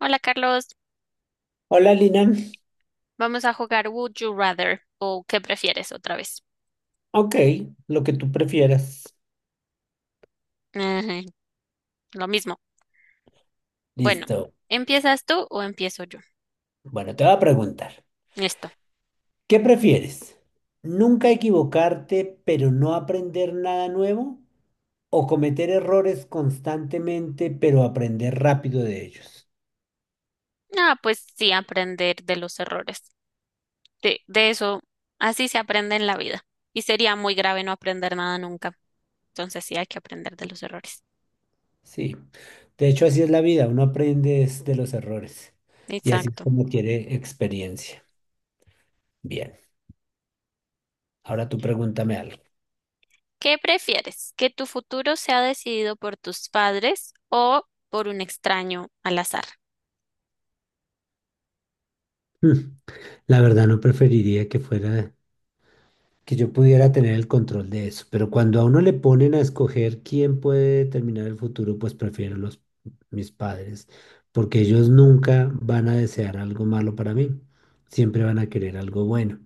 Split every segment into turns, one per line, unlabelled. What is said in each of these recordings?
Hola Carlos,
Hola Lina.
vamos a jugar Would You Rather o ¿qué prefieres otra vez?
Ok, lo que tú prefieras.
Ajá, lo mismo. Bueno,
Listo.
¿empiezas tú o empiezo yo?
Bueno, te voy a preguntar,
Esto.
¿qué prefieres? ¿Nunca equivocarte pero no aprender nada nuevo? ¿O cometer errores constantemente pero aprender rápido de ellos?
Ah, pues sí, aprender de los errores. De eso, así se aprende en la vida. Y sería muy grave no aprender nada nunca. Entonces sí hay que aprender de los errores.
Sí, de hecho así es la vida, uno aprende es de los errores y así es
Exacto.
como quiere experiencia. Bien, ahora tú pregúntame algo.
¿Qué prefieres? ¿Que tu futuro sea decidido por tus padres o por un extraño al azar?
Hmm, la verdad no preferiría que fuera que yo pudiera tener el control de eso. Pero cuando a uno le ponen a escoger quién puede determinar el futuro, pues prefiero mis padres, porque ellos nunca van a desear algo malo para mí, siempre van a querer algo bueno.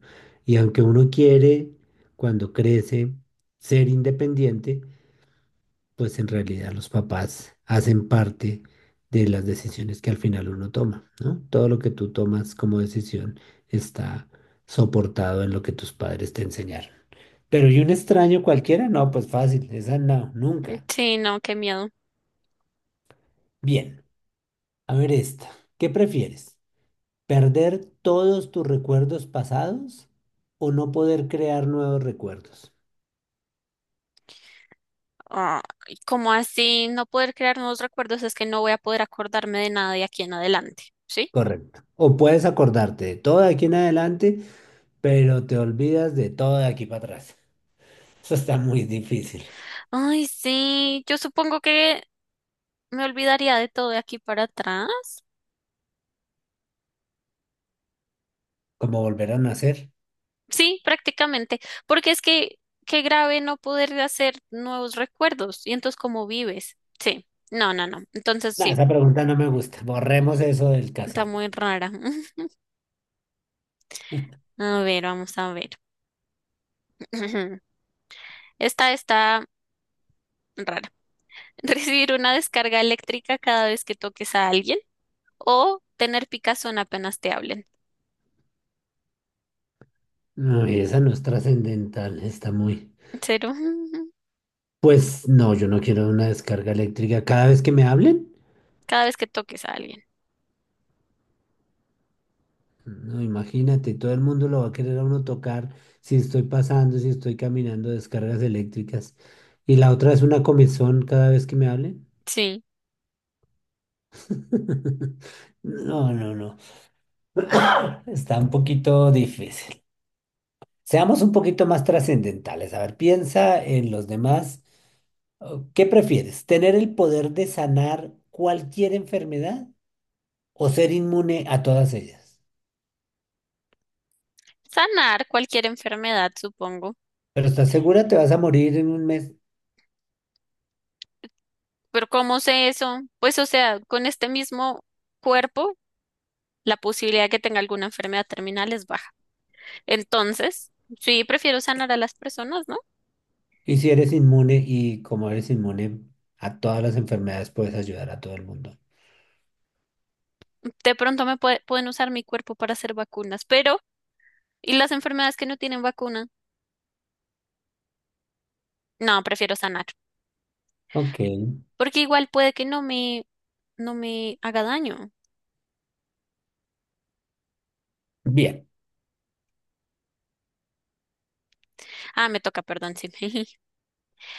Y aunque uno quiere, cuando crece, ser independiente, pues en realidad los papás hacen parte de las decisiones que al final uno toma, ¿no? Todo lo que tú tomas como decisión está soportado en lo que tus padres te enseñaron. Pero ¿y un extraño cualquiera? No, pues fácil, esa no, nunca.
Sí, no, qué miedo.
Bien, a ver esta. ¿Qué prefieres? ¿Perder todos tus recuerdos pasados o no poder crear nuevos recuerdos?
Ay, como así no poder crear nuevos recuerdos? Es que no voy a poder acordarme de nada de aquí en adelante, ¿sí?
Correcto. O puedes acordarte de todo de aquí en adelante, pero te olvidas de todo de aquí para atrás. Eso está muy difícil.
Ay, sí, yo supongo que me olvidaría de todo de aquí para atrás.
¿Cómo volver a nacer?
Sí, prácticamente, porque es que qué grave no poder hacer nuevos recuerdos y entonces cómo vives. Sí, no, no, no. Entonces
No,
sí,
esa pregunta no me gusta. Borremos eso del
está
cassette.
muy rara. A ver, vamos a ver. Esta está rara. Recibir una descarga eléctrica cada vez que toques a alguien, o tener picazón apenas te hablen.
No, y esa no es trascendental, está muy.
Cero.
Pues no, yo no quiero una descarga eléctrica cada vez que me hablen.
Cada vez que toques a alguien.
No, imagínate, todo el mundo lo va a querer a uno tocar, si estoy pasando, si estoy caminando, descargas eléctricas. Y la otra es una comezón cada vez que me hablen.
Sí.
No, no, no. Está un poquito difícil. Seamos un poquito más trascendentales. A ver, piensa en los demás. Oh, ¿qué prefieres? ¿Tener el poder de sanar cualquier enfermedad o ser inmune a todas ellas?
Sanar cualquier enfermedad, supongo.
Pero ¿estás segura? Te vas a morir en un mes.
Pero ¿cómo sé eso? Pues, o sea, con este mismo cuerpo, la posibilidad de que tenga alguna enfermedad terminal es baja. Entonces, sí, prefiero sanar a las personas, ¿no?
Y si eres inmune, y como eres inmune a todas las enfermedades, puedes ayudar a todo el mundo.
De pronto pueden usar mi cuerpo para hacer vacunas, pero ¿y las enfermedades que no tienen vacuna? No, prefiero sanar,
Ok,
porque igual puede que no me haga daño.
bien.
Ah, me toca, perdón, sí.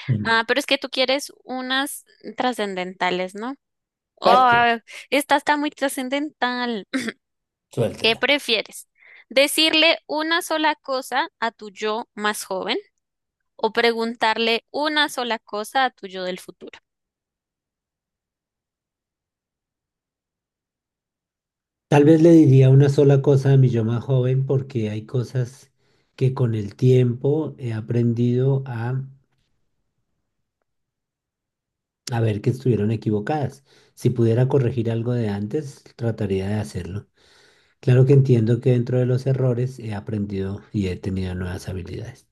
Mm.
Ah, pero es que tú quieres unas trascendentales, ¿no?
¿Para
Oh, esta está muy trascendental. ¿Qué
Suéltela.
prefieres? ¿Decirle una sola cosa a tu yo más joven o preguntarle una sola cosa a tu yo del futuro?
Tal vez le diría una sola cosa a mi yo más joven porque hay cosas que con el tiempo he aprendido a ver que estuvieron equivocadas. Si pudiera corregir algo de antes, trataría de hacerlo. Claro que entiendo que dentro de los errores he aprendido y he tenido nuevas habilidades.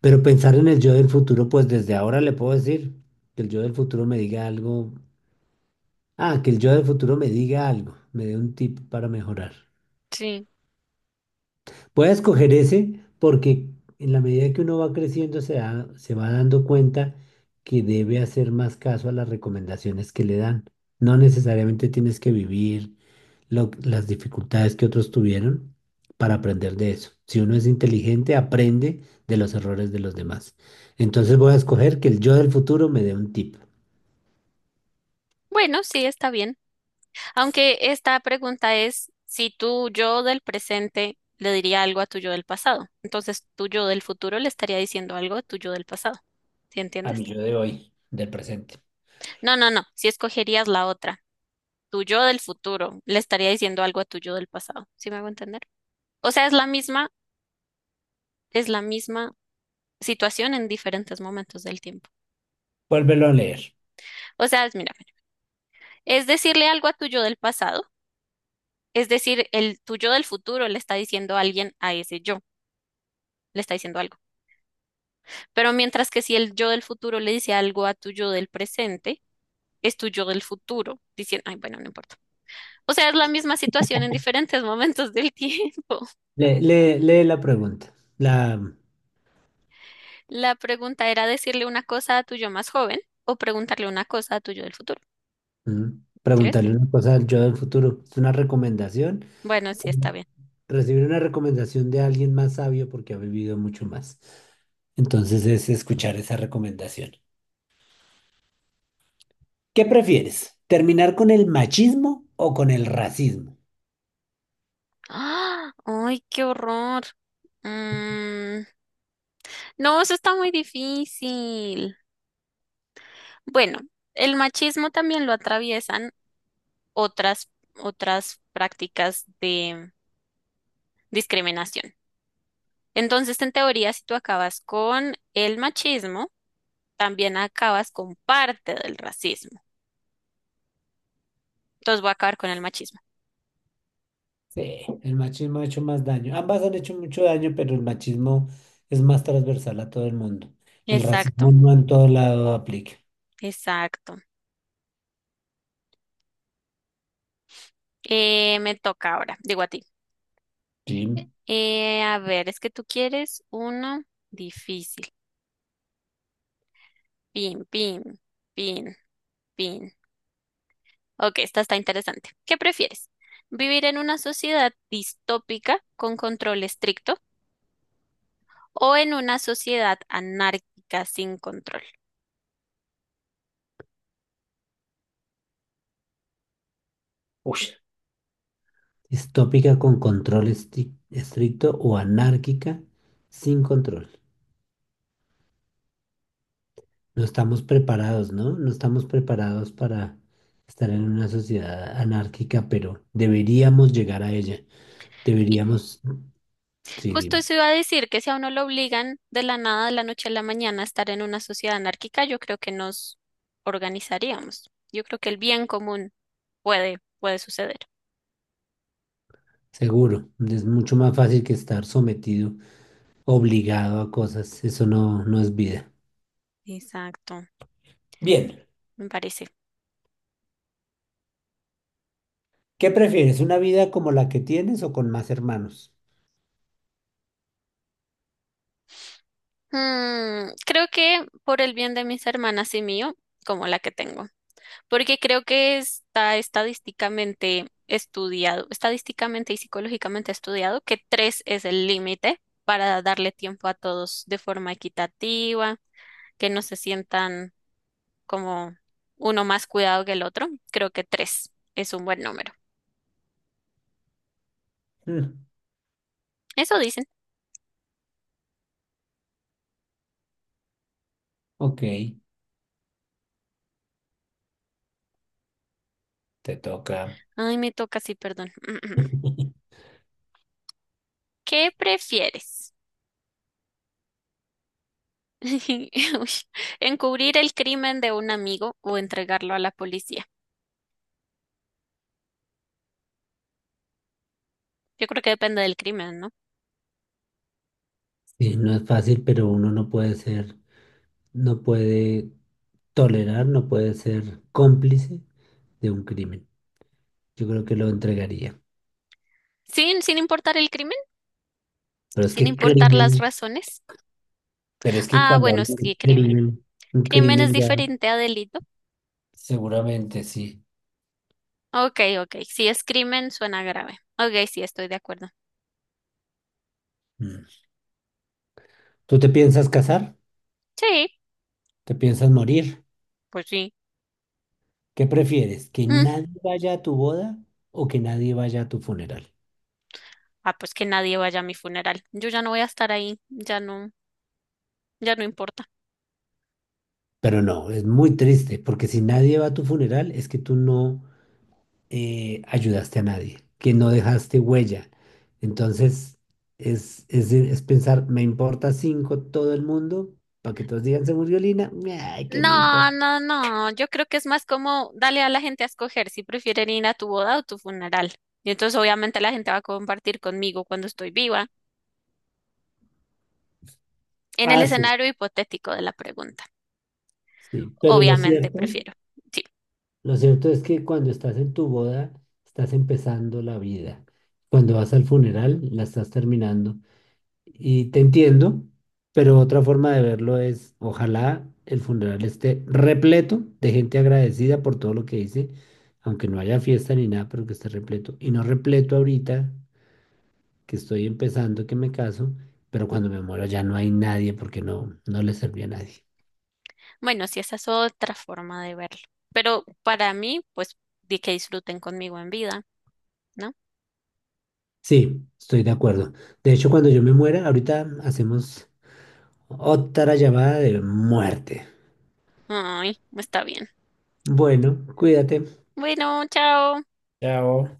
Pero pensar en el yo del futuro, pues desde ahora le puedo decir que el yo del futuro me diga algo. Ah, que el yo del futuro me diga algo, me dé un tip para mejorar.
Sí.
Voy a escoger ese porque en la medida que uno va creciendo se va dando cuenta que debe hacer más caso a las recomendaciones que le dan. No necesariamente tienes que vivir las dificultades que otros tuvieron para aprender de eso. Si uno es inteligente, aprende de los errores de los demás. Entonces voy a escoger que el yo del futuro me dé un tip
Bueno, sí, está bien. Aunque esta pregunta es si tu yo del presente le diría algo a tu yo del pasado. Entonces, tu yo del futuro le estaría diciendo algo a tu yo del pasado. ¿Sí
a
entiendes?
mi yo de hoy, del presente.
No, no, no. Si escogerías la otra. Tu yo del futuro le estaría diciendo algo a tu yo del pasado, ¿sí me hago entender? O sea, es la misma situación en diferentes momentos del tiempo.
Vuélvelo a leer.
O sea, mira, es decirle algo a tu yo del pasado, es decir, el tu yo del futuro le está diciendo a alguien a ese yo, le está diciendo algo. Pero mientras que si el yo del futuro le dice algo a tu yo del presente, es tu yo del futuro diciendo, ay, bueno, no importa. O sea, es la misma situación en diferentes momentos del tiempo.
Lee la pregunta, la
La pregunta era decirle una cosa a tu yo más joven o preguntarle una cosa a tu yo del futuro.
mm.
¿Sí ves?
Preguntarle una cosa al yo del futuro. Es una recomendación,
Bueno, sí
como
está bien.
recibir una recomendación de alguien más sabio porque ha vivido mucho más. Entonces es escuchar esa recomendación. ¿Qué prefieres? ¿Terminar con el machismo o con el racismo?
¡Ah! ¡Ay, qué horror! Mm, no, eso está muy difícil. Bueno, el machismo también lo atraviesan otras, otras prácticas de discriminación. Entonces, en teoría, si tú acabas con el machismo, también acabas con parte del racismo. Entonces, voy a acabar con el machismo.
Sí, el machismo ha hecho más daño. Ambas han hecho mucho daño, pero el machismo es más transversal a todo el mundo. El racismo
Exacto,
no en todo lado aplica.
exacto. Me toca ahora, digo a ti.
Sí.
A ver, es que tú quieres uno difícil. Pin, pin, pin, pin. Ok, esta está interesante. ¿Qué prefieres? ¿Vivir en una sociedad distópica con control estricto o en una sociedad anárquica sin control?
Uy. Distópica con control estricto o anárquica sin control. No estamos preparados, ¿no? No estamos preparados para estar en una sociedad anárquica, pero deberíamos llegar a ella.
Y
Deberíamos, sí,
justo
dime.
eso iba a decir que si a uno lo obligan de la nada, de la noche a la mañana, a estar en una sociedad anárquica, yo creo que nos organizaríamos. Yo creo que el bien común puede suceder.
Seguro, es mucho más fácil que estar sometido, obligado a cosas. Eso no, no es vida.
Exacto,
Bien,
me parece.
¿qué prefieres? ¿Una vida como la que tienes o con más hermanos?
Creo que por el bien de mis hermanas y mío, como la que tengo, porque creo que está estadísticamente estudiado, estadísticamente y psicológicamente estudiado que tres es el límite para darle tiempo a todos de forma equitativa, que no se sientan como uno más cuidado que el otro. Creo que tres es un buen número.
Mm,
Eso dicen.
ok, te toca.
Ay, me toca, sí, perdón. ¿Qué prefieres? Uy, encubrir el crimen de un amigo o entregarlo a la policía. Yo creo que depende del crimen, ¿no?
Sí, no es fácil, pero uno no puede ser, no puede tolerar, no puede ser cómplice de un crimen. Yo creo que lo entregaría.
Sin importar el crimen,
Pero es
sin
que
importar las
crimen,
razones.
pero es que
Ah,
cuando
bueno,
hablo
sí,
de
crimen.
crimen, un
Crimen es
crimen ya
diferente a delito.
seguramente sí.
Ok, ok. Si es crimen, suena grave. Ok, sí, estoy de acuerdo.
Mm. ¿Tú te piensas casar?
Sí,
¿Te piensas morir?
pues sí.
¿Qué prefieres? ¿Que
Mm.
nadie vaya a tu boda o que nadie vaya a tu funeral?
Ah, pues que nadie vaya a mi funeral. Yo ya no voy a estar ahí. Ya no, ya no importa.
Pero no, es muy triste, porque si nadie va a tu funeral, es que tú no, ayudaste a nadie, que no dejaste huella. Entonces, es pensar, me importa cinco todo el mundo, para que todos digan, se murió Lina, ay, ¿qué me
No,
importa?
no, no. Yo creo que es más como dale a la gente a escoger si prefieren ir a tu boda o tu funeral. Y entonces obviamente la gente va a compartir conmigo cuando estoy viva, en el
Ah, sí,
escenario hipotético de la pregunta.
sí, pero
Obviamente prefiero. Sí.
lo cierto es que cuando estás en tu boda, estás empezando la vida. Cuando vas al funeral, la estás terminando. Y te entiendo, pero otra forma de verlo es, ojalá el funeral esté repleto de gente agradecida por todo lo que hice, aunque no haya fiesta ni nada, pero que esté repleto. Y no repleto ahorita, que estoy empezando, que me caso, pero cuando me muero ya no hay nadie porque no, no le serví a nadie.
Bueno, sí, esa es otra forma de verlo. Pero para mí, pues, di que disfruten conmigo en vida, ¿no?
Sí, estoy de acuerdo. De hecho, cuando yo me muera, ahorita hacemos otra llamada de muerte.
Ay, está bien.
Bueno, cuídate.
Bueno, chao.
Chao.